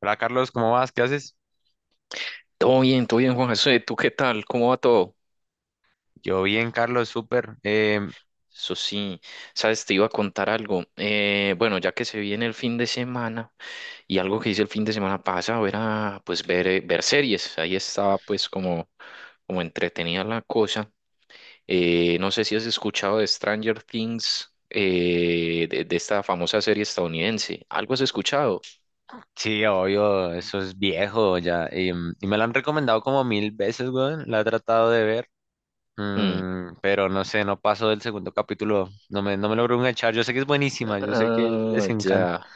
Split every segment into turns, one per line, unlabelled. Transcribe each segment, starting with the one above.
Hola Carlos, ¿cómo vas? ¿Qué haces?
Todo bien, Juan José. ¿Tú qué tal? ¿Cómo va todo?
Yo bien, Carlos, súper.
Eso sí, sabes, te iba a contar algo. Bueno, ya que se viene el fin de semana y algo que hice el fin de semana pasado era pues ver, ver series. Ahí estaba pues como, como entretenida la cosa. No sé si has escuchado de Stranger Things, de esta famosa serie estadounidense. ¿Algo has escuchado?
Sí, obvio, eso es viejo ya. Y me lo han recomendado como mil veces, weón. La he tratado de ver,
Mm.
pero no sé, no paso del segundo capítulo. No me logro enganchar. Yo sé que es buenísima, yo sé que les
Ah,
encanta.
ya.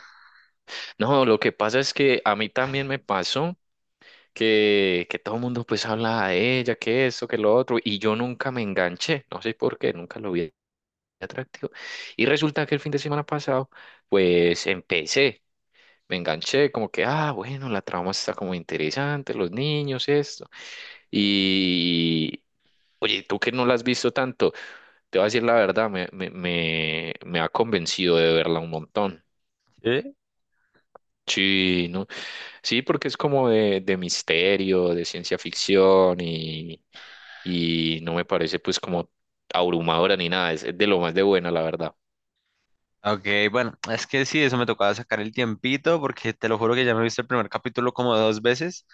No, lo que pasa es que a mí también me pasó. Que todo el mundo pues habla de ella, que esto, que lo otro, y yo nunca me enganché, no sé por qué, nunca lo vi atractivo. Y resulta que el fin de semana pasado, pues empecé, me enganché, como que, ah, bueno, la trama está como interesante, los niños, esto. Y oye, tú que no la has visto tanto, te voy a decir la verdad, me ha convencido de verla un montón.
¿Eh?
Sí, no, sí, porque es como de misterio, de ciencia ficción y no me parece pues como abrumadora ni nada, es de lo más de buena, la verdad.
Ok, bueno, es que sí, eso me tocaba sacar el tiempito porque te lo juro que ya me he visto el primer capítulo como dos veces,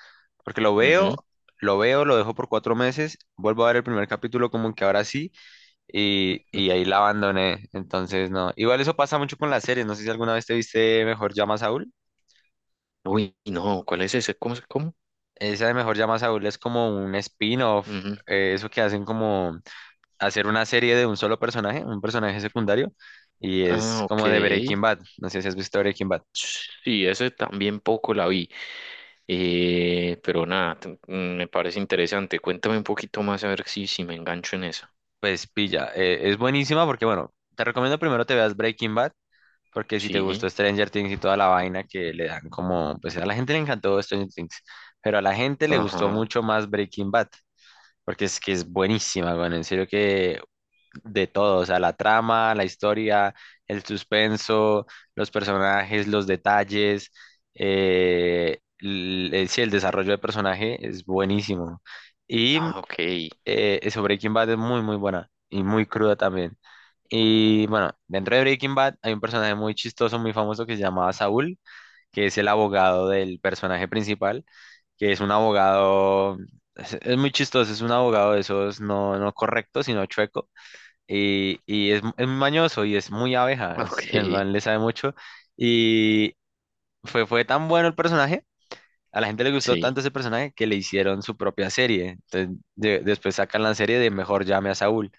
porque lo
Ujú.
veo, lo veo, lo dejo por 4 meses, vuelvo a ver el primer capítulo como que ahora sí. Y ahí la abandoné. Entonces, no. Igual eso pasa mucho con las series. No sé si alguna vez te viste Mejor Llama a Saúl.
Uy, no, ¿cuál es ese? ¿Cómo? ¿Cómo?
Esa de Mejor Llama a Saúl es como un spin-off.
Ujú.
Eso que hacen como hacer una serie de un solo personaje, un personaje secundario. Y es
Ah, ok.
como de Breaking Bad. No sé si has visto Breaking Bad.
Sí, ese también poco la vi. Pero nada, me parece interesante. Cuéntame un poquito más a ver si, si me engancho en eso.
Pues pilla. Es buenísima porque, bueno, te recomiendo primero te veas Breaking Bad. Porque si te gustó
Sí,
Stranger Things y toda la vaina que le dan como, pues a la gente le encantó Stranger Things, pero a la gente le gustó
ajá.
mucho más Breaking Bad. Porque es que es buenísima, bueno, en serio que de todo, o sea, la trama, la historia, el suspenso, los personajes, los detalles, el, sí, el desarrollo de personaje es buenísimo. Y
Ah, ok,
sobre Breaking Bad es muy, muy buena y muy cruda también. Y bueno, dentro de Breaking Bad hay un personaje muy chistoso, muy famoso que se llamaba Saúl, que es el abogado del personaje principal que es un abogado, es muy chistoso, es un abogado de esos no, no correcto, sino chueco, y es, muy mañoso y es muy abeja,
ok,
es, el man le sabe mucho, y fue tan bueno el personaje a la gente le gustó
sí.
tanto ese personaje que le hicieron su propia serie. Entonces, después sacan la serie de Mejor llame a Saúl,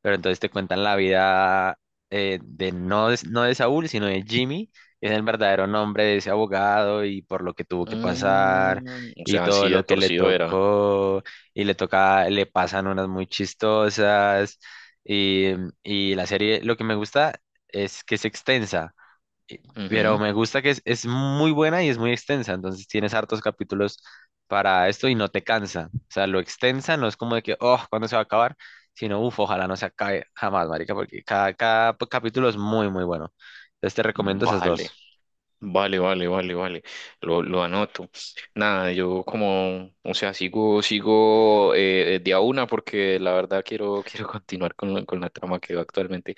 pero entonces te cuentan la vida de no, no de Saúl, sino de Jimmy, que es el verdadero nombre de ese abogado y por lo que tuvo que pasar
Mm, o
y
sea,
todo
así de
lo que le
torcido era.
tocó y le toca, le pasan unas muy chistosas y, y la serie, lo que me gusta es que es extensa. Eh, Pero
Ujú.
me gusta que es muy buena y es muy extensa, entonces tienes hartos capítulos para esto y no te cansa. O sea, lo extensa no es como de que, oh, ¿cuándo se va a acabar? Sino, uff, ojalá no se acabe jamás, marica, porque cada capítulo es muy, muy bueno. Entonces te recomiendo esas dos.
Vale, vale, vale, vale, vale. Lo anoto. Nada, yo como, o sea, sigo de a una porque la verdad quiero, quiero continuar con, con la trama que actualmente.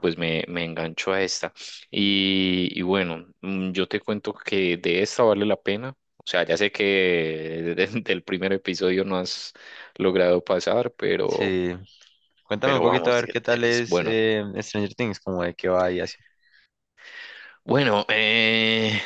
Pues me engancho a esta. Y bueno, mm, yo te cuento que de esta vale la pena. O sea, ya sé que del primer episodio no has logrado pasar,
Sí, cuéntame un
pero
poquito a
vamos,
ver qué
de
tal
que es
es
bueno.
Stranger Things, como de qué va y así.
Bueno, eh,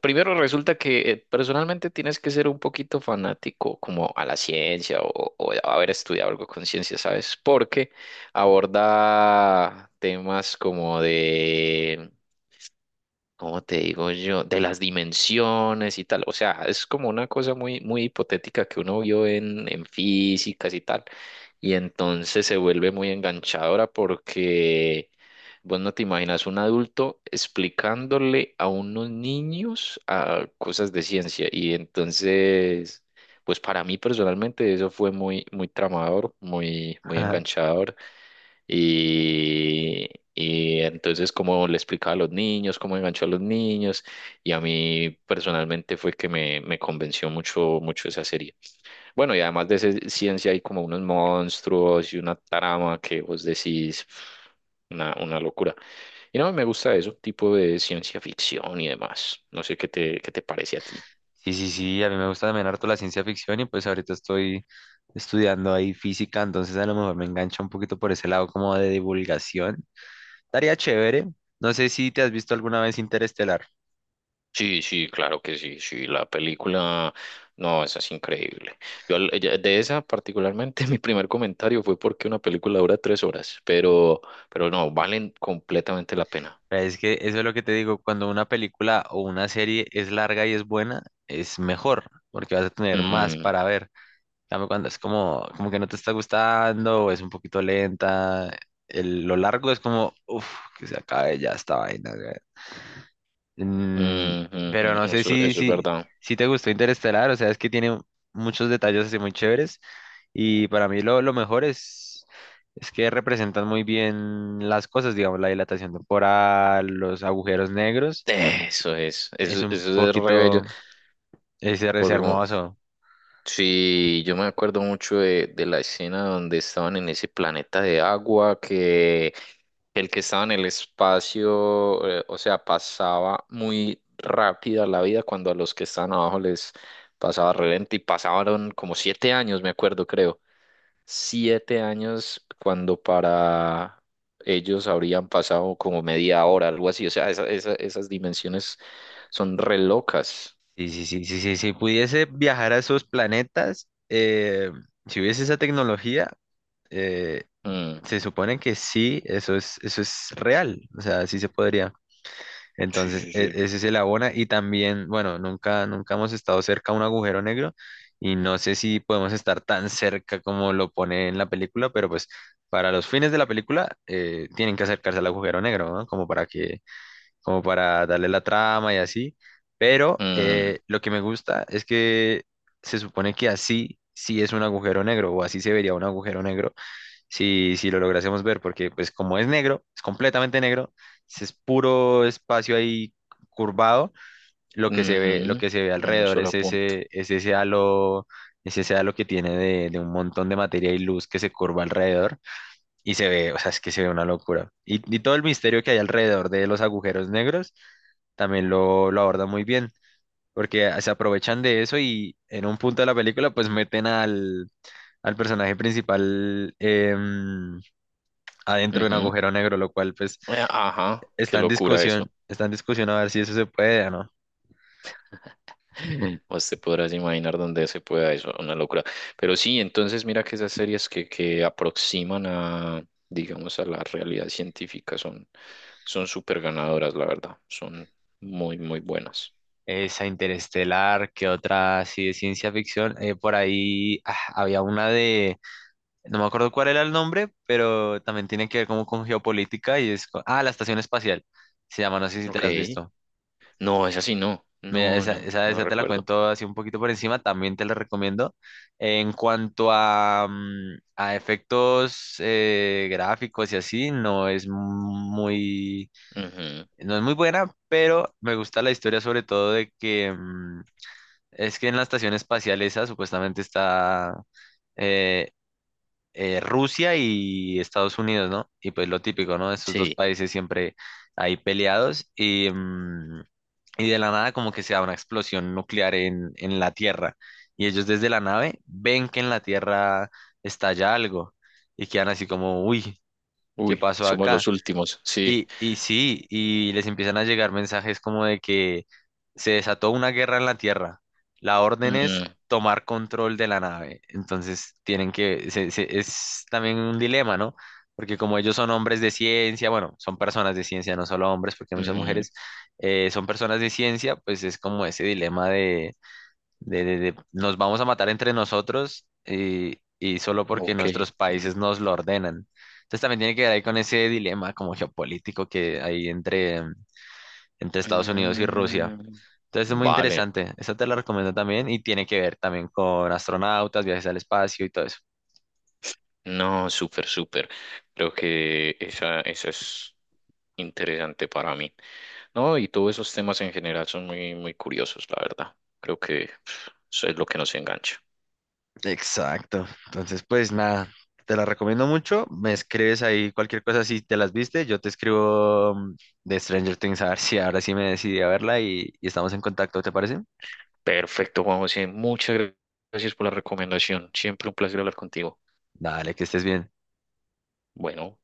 Primero resulta que personalmente tienes que ser un poquito fanático como a la ciencia o haber estudiado algo con ciencia, ¿sabes? Porque aborda temas como de, como te digo yo? De las dimensiones y tal. O sea, es como una cosa muy, muy hipotética que uno vio en físicas y tal. Y entonces se vuelve muy enganchadora porque vos no te imaginas un adulto explicándole a unos niños a cosas de ciencia. Y entonces, pues para mí personalmente eso fue muy, muy tramador, muy, muy enganchador. Y, y entonces como le explicaba a los niños, cómo enganchó a los niños, y a mí personalmente fue que me convenció mucho, mucho esa serie. Bueno, y además de ciencia hay como unos monstruos y una trama que vos decís, una locura. Y no, me gusta eso, tipo de ciencia ficción y demás. No sé qué te parece a ti.
Sí, sí, sí, a mí me gusta también harto la ciencia ficción y pues ahorita estoy estudiando ahí física, entonces a lo mejor me engancha un poquito por ese lado como de divulgación. Estaría chévere. No sé si te has visto alguna vez Interestelar.
Sí, sí, claro que sí, sí, la película, no, esa es increíble. De esa particularmente mi primer comentario fue porque una película dura 3 horas, pero no, valen completamente la pena.
Pero es que eso es lo que te digo, cuando una película o una serie es larga y es buena, es mejor, porque vas a tener más
Mm,
para ver. En cambio, cuando es como, como que no te está gustando, o es un poquito lenta, lo largo es como, uff, que se acabe ya esta vaina.
mm,
Mm,
mm,
pero no
mm,
sé
eso, eso es verdad.
si te gustó Interestelar, o sea, es que tiene muchos detalles así muy chéveres y para mí lo mejor es que representan muy bien las cosas, digamos, la dilatación temporal, los agujeros negros,
Eso es,
es
eso,
un
eso es re bello.
poquito, es
Porque, como-
hermoso.
sí, yo me acuerdo mucho de la escena donde estaban en ese planeta de agua que el que estaba en el espacio, o sea, pasaba muy rápida la vida cuando a los que estaban abajo les pasaba re lento y pasaron como 7 años, me acuerdo, creo. 7 años cuando para ellos habrían pasado como media hora, algo así. O sea, esas dimensiones son re locas.
Sí, sí, sí, sí, sí, si pudiese viajar a esos planetas, si hubiese esa tecnología, eh,
Mm.
se supone que sí, eso es real, o sea, sí se podría.
Sí,
Entonces,
sí, sí.
ese se la abona y también, bueno, nunca, nunca hemos estado cerca a un agujero negro y no sé si podemos estar tan cerca como lo pone en la película, pero pues para los fines de la película tienen que acercarse al agujero negro, ¿no? Como para que, como para darle la trama y así. Pero
Mm,
lo que me gusta es que se supone que así sí es un agujero negro o así se vería un agujero negro si, si lo lográsemos ver, porque pues como es negro, es completamente negro, es puro espacio ahí curvado, lo que se ve, lo
ujú,
que se ve
en un
alrededor es
solo punto.
ese, es ese halo, es ese halo que tiene de un montón de materia y luz que se curva alrededor y se ve, o sea, es que se ve una locura. Y todo el misterio que hay alrededor de los agujeros negros también lo abordan muy bien, porque se aprovechan de eso y en un punto de la película pues meten al, al personaje principal. Adentro de un
Ujú.
agujero negro, lo cual pues
Ajá, qué locura eso.
está en discusión a ver si eso se puede o no.
Vos te podrás imaginar dónde se pueda eso, una locura. Pero sí, entonces mira que esas series que aproximan a, digamos, a la realidad científica son, son súper ganadoras, la verdad. Son muy, muy buenas.
Esa Interestelar, que otra así de ciencia ficción. Por ahí había una de, no me acuerdo cuál era el nombre, pero también tiene que ver como con geopolítica y es, la Estación Espacial, se llama, no sé si te
Ok.
la has visto.
No, es así, no.
Mira,
No,
esa,
no,
esa,
no
esa te la
recuerdo.
cuento así un poquito por encima, también te la recomiendo. En cuanto a, a efectos gráficos y así, no es muy
Ujú.
No es muy buena, pero me gusta la historia sobre todo de que es que en la estación espacial esa supuestamente está eh, Rusia y Estados Unidos, ¿no? Y pues lo típico, ¿no? Esos dos
Sí.
países siempre ahí peleados y, y de la nada como que se da una explosión nuclear en la Tierra y ellos desde la nave ven que en la Tierra estalla algo y quedan así como, uy, ¿qué
Uy,
pasó
somos los
acá?
últimos. Sí.
Y sí, y les empiezan a llegar mensajes como de que se desató una guerra en la Tierra. La orden es
Mm,
tomar control de la nave. Entonces tienen que, es también un dilema, ¿no? Porque como ellos son hombres de ciencia, bueno, son personas de ciencia, no solo hombres, porque hay muchas
ujú.
mujeres, son personas de ciencia, pues es como ese dilema nos vamos a matar entre nosotros y solo porque
Ok.
nuestros
Mm.
países nos lo ordenan. Entonces también tiene que ver ahí con ese dilema como geopolítico que hay entre, entre Estados Unidos y Rusia.
Mm.
Entonces es muy
Vale.
interesante, esa te la recomiendo también y tiene que ver también con astronautas, viajes al espacio y todo eso.
No, súper, súper. Creo que esa es interesante para mí. No, y todos esos temas en general son muy, muy curiosos, la verdad. Creo que pf, eso es lo que nos engancha.
Exacto. Entonces, pues nada, te la recomiendo mucho. Me escribes ahí cualquier cosa si te las viste. Yo te escribo de Stranger Things a ver si ahora sí me decidí a verla y estamos en contacto, ¿te parece?
Perfecto, Juan José. Muchas gracias por la recomendación. Siempre un placer hablar contigo.
Dale, que estés bien.
Bueno.